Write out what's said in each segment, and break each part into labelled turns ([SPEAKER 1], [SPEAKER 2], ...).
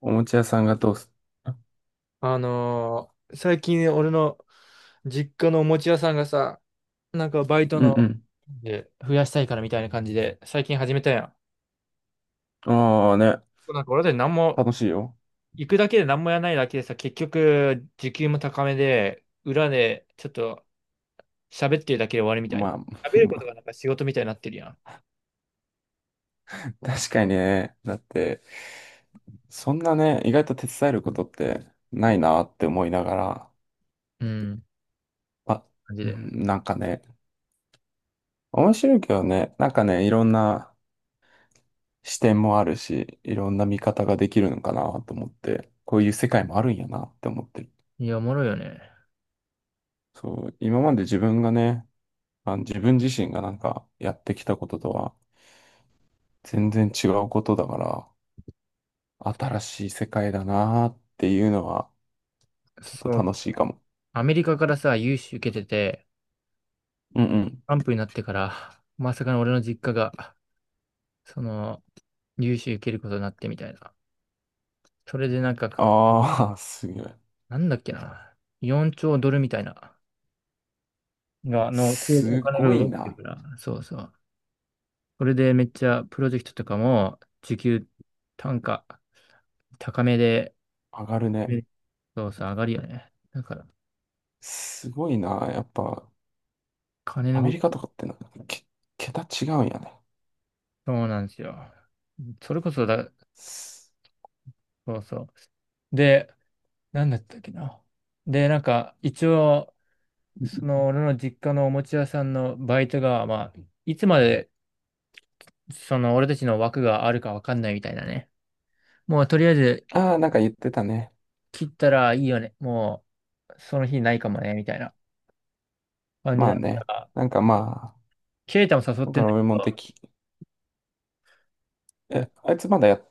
[SPEAKER 1] おもちゃ屋さんが通す。
[SPEAKER 2] 最近俺の実家のお餅屋さんがさ、なんかバイト
[SPEAKER 1] う
[SPEAKER 2] の
[SPEAKER 1] ん
[SPEAKER 2] で増やしたいからみたいな感じで、最近始めたやん。
[SPEAKER 1] うん。ああね、
[SPEAKER 2] なんか俺たち何も、
[SPEAKER 1] 楽しいよ。
[SPEAKER 2] 行くだけで何もやらないだけでさ、結局時給も高めで、裏でちょっと喋ってるだけで終わりみたい
[SPEAKER 1] ま
[SPEAKER 2] な。喋ること
[SPEAKER 1] あ、
[SPEAKER 2] がなんか仕事みたいになってるやん。
[SPEAKER 1] 確かにね。だって、そんなね、意外と手伝えることってないなって思いながら、
[SPEAKER 2] うん、
[SPEAKER 1] あ、
[SPEAKER 2] 感じ
[SPEAKER 1] う
[SPEAKER 2] で。
[SPEAKER 1] ん、なんかね、面白いけどね、なんかね、いろんな視点もあるし、いろんな見方ができるのかなと思って、こういう世界もあるんやなって思ってる。
[SPEAKER 2] いや、おもろいよね。
[SPEAKER 1] そう、今まで自分がね、あの自分自身がなんかやってきたこととは全然違うことだから、新しい世界だなーっていうのは、ちょっと
[SPEAKER 2] そう。
[SPEAKER 1] 楽しいかも。
[SPEAKER 2] アメリカからさ、融資受けてて、
[SPEAKER 1] うんうん。
[SPEAKER 2] アンプになってから、まさかの俺の実家がその、融資受けることになってみたいな。それでなんかか、
[SPEAKER 1] ああ、すごい。
[SPEAKER 2] なんだっけな。4兆ドルみたいな、が、の、お
[SPEAKER 1] す
[SPEAKER 2] 金が
[SPEAKER 1] ご
[SPEAKER 2] 動
[SPEAKER 1] い
[SPEAKER 2] いてる
[SPEAKER 1] な。
[SPEAKER 2] から。そうそう。それでめっちゃプロジェクトとかも、時給単価高めで、
[SPEAKER 1] 上がる
[SPEAKER 2] う
[SPEAKER 1] ね。
[SPEAKER 2] んそうそう、上がるよね。だから、
[SPEAKER 1] すごいな。やっぱ、
[SPEAKER 2] 金
[SPEAKER 1] ア
[SPEAKER 2] の
[SPEAKER 1] メ
[SPEAKER 2] 動き、
[SPEAKER 1] リカとかってなんか、桁違うんやね。
[SPEAKER 2] そうなんですよ。それこそだ、そうそう。で、なんだったっけな。で、なんか、一応、その、俺の実家のおもちゃ屋さんのバイトが、まあ、いつまでその俺たちの枠があるかわかんないみたいなね。もうとりあえず
[SPEAKER 1] ああー、なんか言ってたね。
[SPEAKER 2] 切ったらいいよね。もうその日ないかもね、みたいな感じ
[SPEAKER 1] まあ
[SPEAKER 2] だっ
[SPEAKER 1] ね。
[SPEAKER 2] たら、
[SPEAKER 1] なんかまあ、
[SPEAKER 2] ケイタも誘っ
[SPEAKER 1] だ
[SPEAKER 2] て
[SPEAKER 1] か
[SPEAKER 2] ん
[SPEAKER 1] ら俺も
[SPEAKER 2] の、
[SPEAKER 1] え、あいつまだ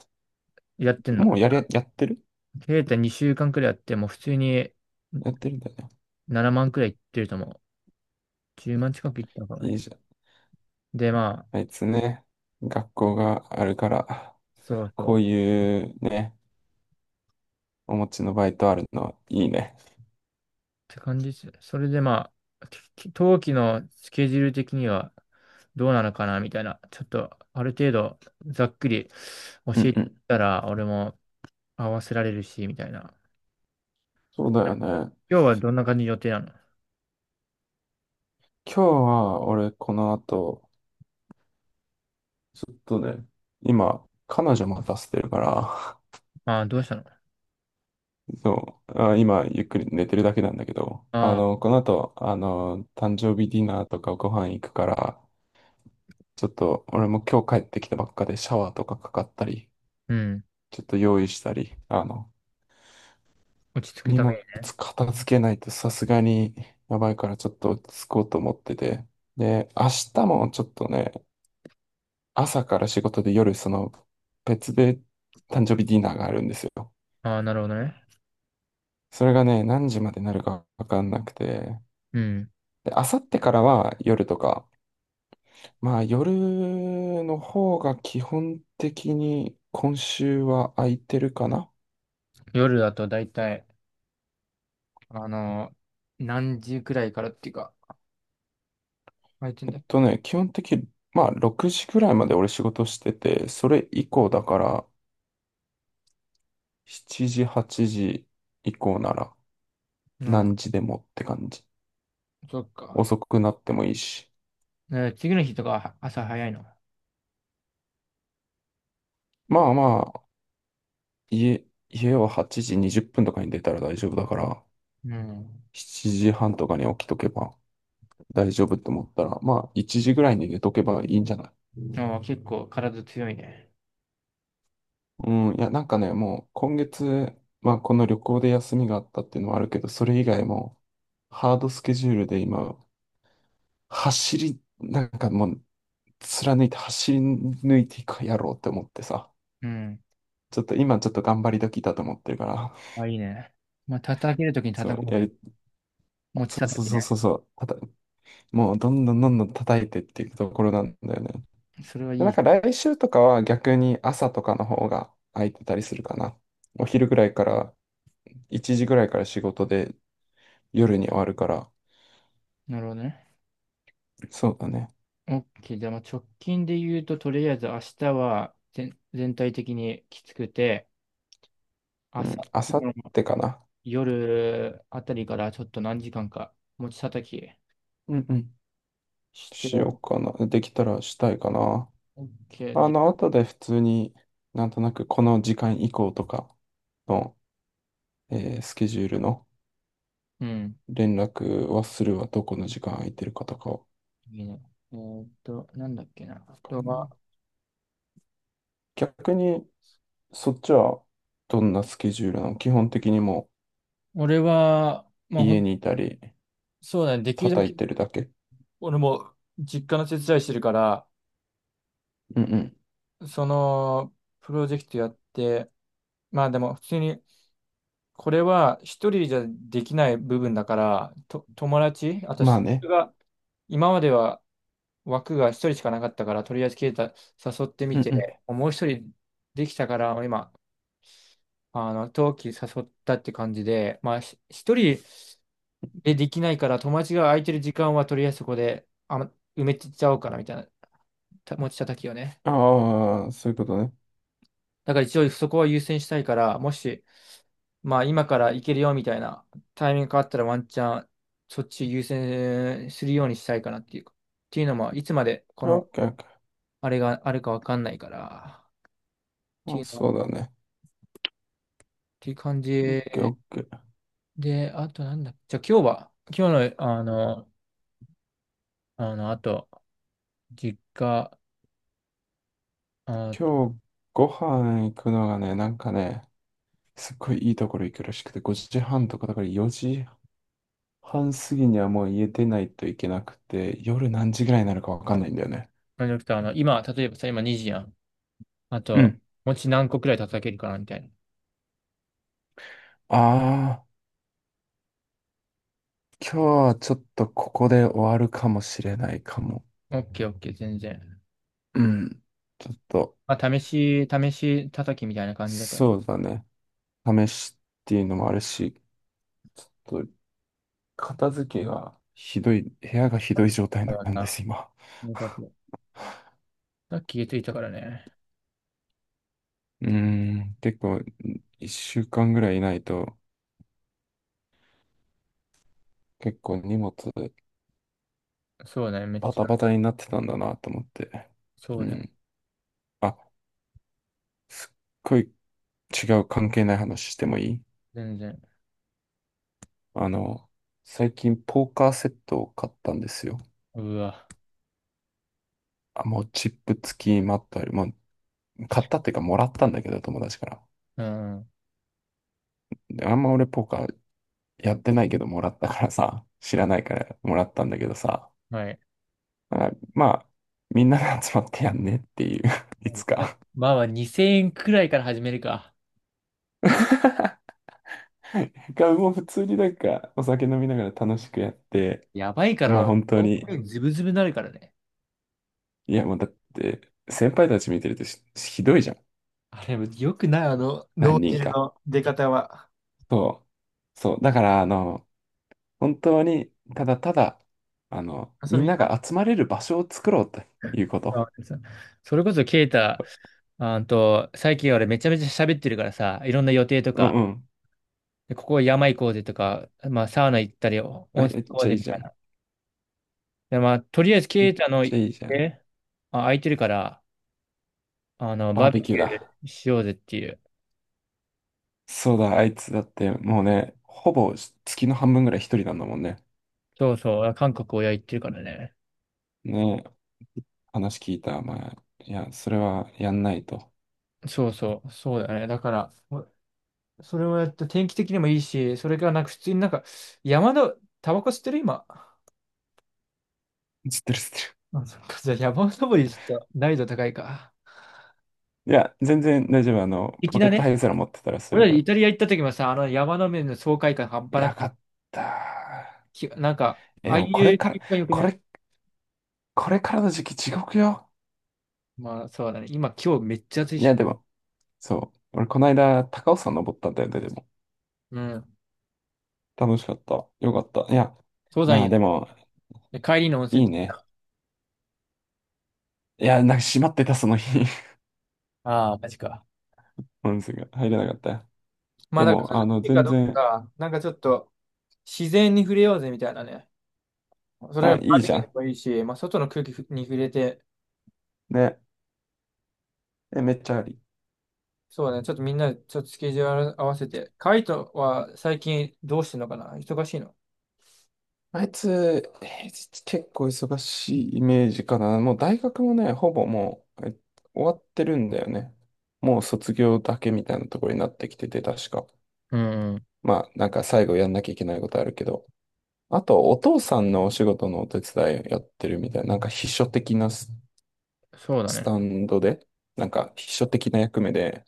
[SPEAKER 2] やってんの。
[SPEAKER 1] やってる
[SPEAKER 2] ケイタ2週間くらいやって、もう普通に
[SPEAKER 1] やってるんだよね。
[SPEAKER 2] 7万くらいいってると思う。10万近くいったのかも
[SPEAKER 1] いい
[SPEAKER 2] ね。
[SPEAKER 1] じゃん。
[SPEAKER 2] で、まあ、
[SPEAKER 1] あいつね、学校があるから、
[SPEAKER 2] そうそう。
[SPEAKER 1] こ
[SPEAKER 2] っ
[SPEAKER 1] ういうね、お持ちのバイトあるのいいね。
[SPEAKER 2] て感じです。それでまあ、冬季のスケジュール的にはどうなのかな、みたいな。ちょっとある程度ざっくり教
[SPEAKER 1] うん
[SPEAKER 2] えて
[SPEAKER 1] うん。
[SPEAKER 2] たら、俺も合わせられるし、みたいな。
[SPEAKER 1] そうだよね。
[SPEAKER 2] 今日はどんな感じの予定なの？
[SPEAKER 1] 今日は俺この後、ちょっとね、今、彼女待たせてるから、
[SPEAKER 2] ああ、どうしたの？
[SPEAKER 1] そう、あ、今ゆっくり寝てるだけなんだけど、あ
[SPEAKER 2] ああ、
[SPEAKER 1] の、この後、あの、誕生日ディナーとかご飯行くから、ちょっと俺も今日帰ってきたばっかでシャワーとかかかったり、
[SPEAKER 2] うん。
[SPEAKER 1] ちょっと用意したり、あの、
[SPEAKER 2] 落ち着く
[SPEAKER 1] 荷
[SPEAKER 2] ために
[SPEAKER 1] 物
[SPEAKER 2] ね。
[SPEAKER 1] 片付けないとさすがにやばいからちょっと落ち着こうと思ってて、で、明日もちょっとね、朝から仕事で夜、その別で誕生日ディナーがあるんですよ。
[SPEAKER 2] ああ、なるほどね。
[SPEAKER 1] それがね、何時までなるかわかんなくて。
[SPEAKER 2] うん。
[SPEAKER 1] で、あさってからは夜とか、まあ夜の方が基本的に今週は空いてるかな。
[SPEAKER 2] 夜だと大体、あの、何時くらいからっていうか、空いてんだよ。
[SPEAKER 1] 基本的に、まあ6時ぐらいまで俺仕事してて、それ以降だから7時、8時以降なら
[SPEAKER 2] なるほ
[SPEAKER 1] 何時でもって感じ。
[SPEAKER 2] ど。そっか。
[SPEAKER 1] 遅くなってもいいし。
[SPEAKER 2] ね、次の日とかは朝早いの？
[SPEAKER 1] まあまあ、家は8時20分とかに出たら大丈夫だから、
[SPEAKER 2] うん。
[SPEAKER 1] 7時半とかに起きとけば大丈夫って思ったら、まあ1時ぐらいに寝とけばいいんじゃない？
[SPEAKER 2] ああ、結構体強いね。
[SPEAKER 1] うん、いや、なんかね、もう今月、まあこの旅行で休みがあったっていうのはあるけど、それ以外もハードスケジュールで今、なんかもう貫いて走り抜いていくかやろうって思ってさ、
[SPEAKER 2] うん。
[SPEAKER 1] ちょっと今ちょっと頑張り時だと思ってるから、
[SPEAKER 2] あ、いいね。まあ、叩けるときに
[SPEAKER 1] そう、
[SPEAKER 2] 叩こうで、持ち
[SPEAKER 1] そう
[SPEAKER 2] 叩
[SPEAKER 1] そう
[SPEAKER 2] き
[SPEAKER 1] そう
[SPEAKER 2] ね。
[SPEAKER 1] そうそう。もうどんどんどんどん叩いてっていくところなんだよね。
[SPEAKER 2] それは
[SPEAKER 1] で、
[SPEAKER 2] い
[SPEAKER 1] なん
[SPEAKER 2] い。
[SPEAKER 1] か来週とかは逆に朝とかの方が空いてたりするかな。お昼ぐらいから、1時ぐらいから仕事で夜に終わるから、
[SPEAKER 2] なるほどね。
[SPEAKER 1] そうだね。
[SPEAKER 2] OK。じゃあ、まあ直近で言うと、とりあえず明日は全体的にきつくて、
[SPEAKER 1] うん、
[SPEAKER 2] 朝、
[SPEAKER 1] あさってかな。
[SPEAKER 2] 夜あたりからちょっと何時間か持ち叩き
[SPEAKER 1] うんうん。
[SPEAKER 2] し
[SPEAKER 1] しよ
[SPEAKER 2] て、
[SPEAKER 1] うかな。できたらしたいかな。
[SPEAKER 2] OK
[SPEAKER 1] あ
[SPEAKER 2] で、
[SPEAKER 1] の、後で普通になんとなくこの時間以降とかの、スケジュールの
[SPEAKER 2] うん、
[SPEAKER 1] 連絡はするわ。どこの時間空いてるかとかを。
[SPEAKER 2] いいね。なんだっけな。あ
[SPEAKER 1] か
[SPEAKER 2] とは、
[SPEAKER 1] な、逆に、そっちはどんなスケジュールなの？基本的にも
[SPEAKER 2] 俺は、ま
[SPEAKER 1] う
[SPEAKER 2] あ、
[SPEAKER 1] 家にいたり、
[SPEAKER 2] そうだね。できるだ
[SPEAKER 1] 叩い
[SPEAKER 2] け、
[SPEAKER 1] てるだけ。
[SPEAKER 2] 俺も実家の手伝いしてるから、
[SPEAKER 1] うんうん。
[SPEAKER 2] その、プロジェクトやって、まあでも、普通にこれは一人じゃできない部分だから、と、友達、あと
[SPEAKER 1] ま
[SPEAKER 2] そ
[SPEAKER 1] あね。
[SPEAKER 2] れが、今までは枠が一人しかなかったから、とりあえずケイタ誘って
[SPEAKER 1] う
[SPEAKER 2] み
[SPEAKER 1] んうん。
[SPEAKER 2] て、もう一人できたから、今、あの、冬季誘ったって感じで、まあ、一人でできないから、友達が空いてる時間はとりあえずそこで、あ、埋めちゃおうかなみたいな、持ち叩きをね。
[SPEAKER 1] ああ、そういうことね。
[SPEAKER 2] だから一応そこは優先したいから、もし、まあ今から行けるよみたいなタイミングがあったらワンチャンそっち優先するようにしたいかなっていうか。っていうのも、いつまでこ
[SPEAKER 1] オッ
[SPEAKER 2] の
[SPEAKER 1] ケーオッケー。
[SPEAKER 2] あれがあるかわかんないから。っ
[SPEAKER 1] ま
[SPEAKER 2] てい
[SPEAKER 1] あ、
[SPEAKER 2] うの、っ
[SPEAKER 1] そうだね。
[SPEAKER 2] ていう感
[SPEAKER 1] オッケーオ
[SPEAKER 2] じ
[SPEAKER 1] ッケー。
[SPEAKER 2] で、あとなんだ。じゃあ今日は、今日のあと、実家、あ、なん
[SPEAKER 1] 今日ご飯行くのがね、なんかね、すっごいいいところ行くらしくて、5時半とかだから4時半過ぎにはもう家出ないといけなくて、夜何時ぐらいになるかわかんないんだよね。
[SPEAKER 2] じゃなくて、あの、今、例えばさ、今2時やん。あ
[SPEAKER 1] う
[SPEAKER 2] と、
[SPEAKER 1] ん。
[SPEAKER 2] 餅何個くらい叩けるかなみたいな。
[SPEAKER 1] ああ、今日はちょっとここで終わるかもしれないかも。
[SPEAKER 2] オッケーオッケー、全然。
[SPEAKER 1] うん。ちょっと、
[SPEAKER 2] まあ、試し叩きみたいな感じだからね。
[SPEAKER 1] そうだね。試しっていうのもあるし、ちょっと片付けがひどい、部屋がひどい状態
[SPEAKER 2] だから
[SPEAKER 1] なんで
[SPEAKER 2] さ、
[SPEAKER 1] す、今。
[SPEAKER 2] よかっ た、さっき気づいたからね。
[SPEAKER 1] うーん、結構、1週間ぐらいいないと、結構荷物
[SPEAKER 2] そうだね、めっ
[SPEAKER 1] バ
[SPEAKER 2] ち
[SPEAKER 1] タバ
[SPEAKER 2] ゃ。
[SPEAKER 1] タになってたんだなと思って。
[SPEAKER 2] そ
[SPEAKER 1] う
[SPEAKER 2] うだよ。
[SPEAKER 1] ん。あ、すっごい違う関係ない話してもいい？
[SPEAKER 2] 全然。
[SPEAKER 1] あの、最近ポーカーセットを買ったんですよ。
[SPEAKER 2] うわ。
[SPEAKER 1] あ、もうチップ付きマットある。もう買ったっていうかもらったんだけど、友達から。
[SPEAKER 2] うん。
[SPEAKER 1] で、あんま俺ポーカーやってないけどもらったからさ、知らないからもらったんだけどさ、
[SPEAKER 2] はい。
[SPEAKER 1] あまあ、みんなで集まってやんねっていう。 いつか。
[SPEAKER 2] まあまあ、2000円くらいから始めるか。
[SPEAKER 1] が、もう普通になんかお酒飲みながら楽しくやって、
[SPEAKER 2] やばいか
[SPEAKER 1] まあ
[SPEAKER 2] ら、
[SPEAKER 1] 本当
[SPEAKER 2] 遠
[SPEAKER 1] に、
[SPEAKER 2] くにズブズブになるからね。
[SPEAKER 1] いやもうだって、先輩たち見てるとしひどいじゃん。
[SPEAKER 2] あれ、よくない、あの、
[SPEAKER 1] 何
[SPEAKER 2] 脳
[SPEAKER 1] 人
[SPEAKER 2] 汁
[SPEAKER 1] か。
[SPEAKER 2] の出方は。
[SPEAKER 1] そう。そう。だから、あの、本当に、ただただ、あの、
[SPEAKER 2] 遊
[SPEAKER 1] み
[SPEAKER 2] び
[SPEAKER 1] ん
[SPEAKER 2] に
[SPEAKER 1] な
[SPEAKER 2] な。
[SPEAKER 1] が集まれる場所を作ろうということ。
[SPEAKER 2] あそそれこそ、ケイタ、あんと、最近俺めちゃめちゃ喋ってるからさ、いろんな予定と
[SPEAKER 1] うんう
[SPEAKER 2] か、
[SPEAKER 1] ん。
[SPEAKER 2] で、ここ山行こうぜとか、まあ、サウナ行ったり、温
[SPEAKER 1] あ、
[SPEAKER 2] 泉
[SPEAKER 1] めっ
[SPEAKER 2] 行こ
[SPEAKER 1] ち
[SPEAKER 2] う
[SPEAKER 1] ゃ
[SPEAKER 2] ぜ
[SPEAKER 1] いい
[SPEAKER 2] み
[SPEAKER 1] じ
[SPEAKER 2] た
[SPEAKER 1] ゃ
[SPEAKER 2] い
[SPEAKER 1] ん。
[SPEAKER 2] な。で、まあ、とりあえず、
[SPEAKER 1] め
[SPEAKER 2] ケ
[SPEAKER 1] っ
[SPEAKER 2] イタの
[SPEAKER 1] ちゃ
[SPEAKER 2] 家、
[SPEAKER 1] いいじゃん。
[SPEAKER 2] あ、空いてるから、あの、
[SPEAKER 1] バ
[SPEAKER 2] バ
[SPEAKER 1] ー
[SPEAKER 2] ーベ
[SPEAKER 1] ベ
[SPEAKER 2] キ
[SPEAKER 1] キュー
[SPEAKER 2] ュ
[SPEAKER 1] だ。
[SPEAKER 2] ーしようぜっていう。
[SPEAKER 1] そうだ、あいつだってもうね、ほぼ月の半分ぐらい一人なんだもんね。
[SPEAKER 2] そうそう、韓国親行ってるからね。
[SPEAKER 1] ねえ、話聞いた。まあ、いや、それはやんないと。
[SPEAKER 2] そうそう、そうだね。だから、それをやって、天気的にもいいし、それからなんか普通になんか、山の、タバコ吸ってる今。
[SPEAKER 1] 知ってる知ってる。
[SPEAKER 2] あ、そっか、じゃあ山登りちょっと難易度高いか。
[SPEAKER 1] いや、全然大丈夫。あの、
[SPEAKER 2] 粋
[SPEAKER 1] ポケ
[SPEAKER 2] だ
[SPEAKER 1] ットハ
[SPEAKER 2] ね。
[SPEAKER 1] イゼロ持ってたらそれ
[SPEAKER 2] 俺ら
[SPEAKER 1] から。
[SPEAKER 2] イタリア行った時もさ、あの山の面の爽快感半端
[SPEAKER 1] や
[SPEAKER 2] な
[SPEAKER 1] よか
[SPEAKER 2] く、
[SPEAKER 1] った。
[SPEAKER 2] なんか、
[SPEAKER 1] え、
[SPEAKER 2] あ
[SPEAKER 1] で
[SPEAKER 2] あい
[SPEAKER 1] もこれ
[SPEAKER 2] う
[SPEAKER 1] から、
[SPEAKER 2] 気感良く
[SPEAKER 1] こ
[SPEAKER 2] ない？
[SPEAKER 1] れ、これからの時期地獄よ。
[SPEAKER 2] まあ、そうだね。今、今日めっちゃ暑い
[SPEAKER 1] いや、
[SPEAKER 2] し。
[SPEAKER 1] でも、そう。俺この間、高尾山登ったんだよね、でも。
[SPEAKER 2] うん。
[SPEAKER 1] 楽しかった。よかった。いや、
[SPEAKER 2] 登山いい
[SPEAKER 1] まあ
[SPEAKER 2] よ
[SPEAKER 1] で
[SPEAKER 2] ね。
[SPEAKER 1] も、
[SPEAKER 2] で、帰りの温
[SPEAKER 1] いい
[SPEAKER 2] 泉。
[SPEAKER 1] ね。いや、なんか閉まってた、その日。
[SPEAKER 2] ああ、マジか。
[SPEAKER 1] 本数が入れなかったよ。
[SPEAKER 2] まあ、
[SPEAKER 1] で
[SPEAKER 2] だから、ち
[SPEAKER 1] も、
[SPEAKER 2] ょっ
[SPEAKER 1] あ
[SPEAKER 2] と
[SPEAKER 1] の、
[SPEAKER 2] いいか
[SPEAKER 1] 全
[SPEAKER 2] どう
[SPEAKER 1] 然、
[SPEAKER 2] か、なんかちょっと、自然に触れようぜみたいなね。それ
[SPEAKER 1] あ、
[SPEAKER 2] がバ
[SPEAKER 1] い
[SPEAKER 2] ー
[SPEAKER 1] い
[SPEAKER 2] ベ
[SPEAKER 1] じ
[SPEAKER 2] キュ
[SPEAKER 1] ゃ
[SPEAKER 2] ーで
[SPEAKER 1] ん。
[SPEAKER 2] もいいし、まあ、外の空気に触れて、
[SPEAKER 1] ね。え、めっちゃあり。
[SPEAKER 2] そうだね。ちょっとみんな、ちょっとスケジュール合わせて。カイトは最近どうしてんのかな、忙しいの？
[SPEAKER 1] あいつ、平日結構忙しいイメージかな。もう大学もね、ほぼもう、終わってるんだよね。もう卒業だけみたいなところになってきてて、確か。
[SPEAKER 2] うんうん、
[SPEAKER 1] まあ、なんか最後やんなきゃいけないことあるけど。あと、お父さんのお仕事のお手伝いやってるみたいな、なんか秘書的な
[SPEAKER 2] そうだ
[SPEAKER 1] スタ
[SPEAKER 2] ね。
[SPEAKER 1] ンドで、なんか秘書的な役目で、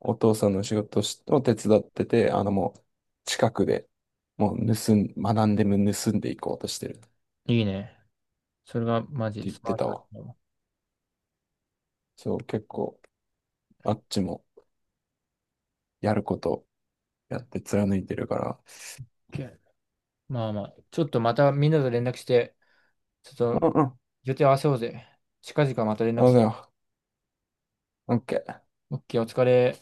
[SPEAKER 1] お父さんの仕事を手伝ってて、あのもう近くでもう学んでも盗んでいこうとしてるって
[SPEAKER 2] いいね。それがマジ
[SPEAKER 1] 言っ
[SPEAKER 2] スマ
[SPEAKER 1] て
[SPEAKER 2] ート
[SPEAKER 1] た
[SPEAKER 2] だと
[SPEAKER 1] わ。
[SPEAKER 2] 思
[SPEAKER 1] そう、結構あっちもやることやって貫いてるから。
[SPEAKER 2] う。OK、 まあまあ、ちょっとまたみんなと連絡して、ちょっ
[SPEAKER 1] う
[SPEAKER 2] と
[SPEAKER 1] んうん。
[SPEAKER 2] 予定合わせようぜ。近々また連
[SPEAKER 1] あ、
[SPEAKER 2] 絡。
[SPEAKER 1] じゃあ、OK。
[SPEAKER 2] オッケー、お疲れ。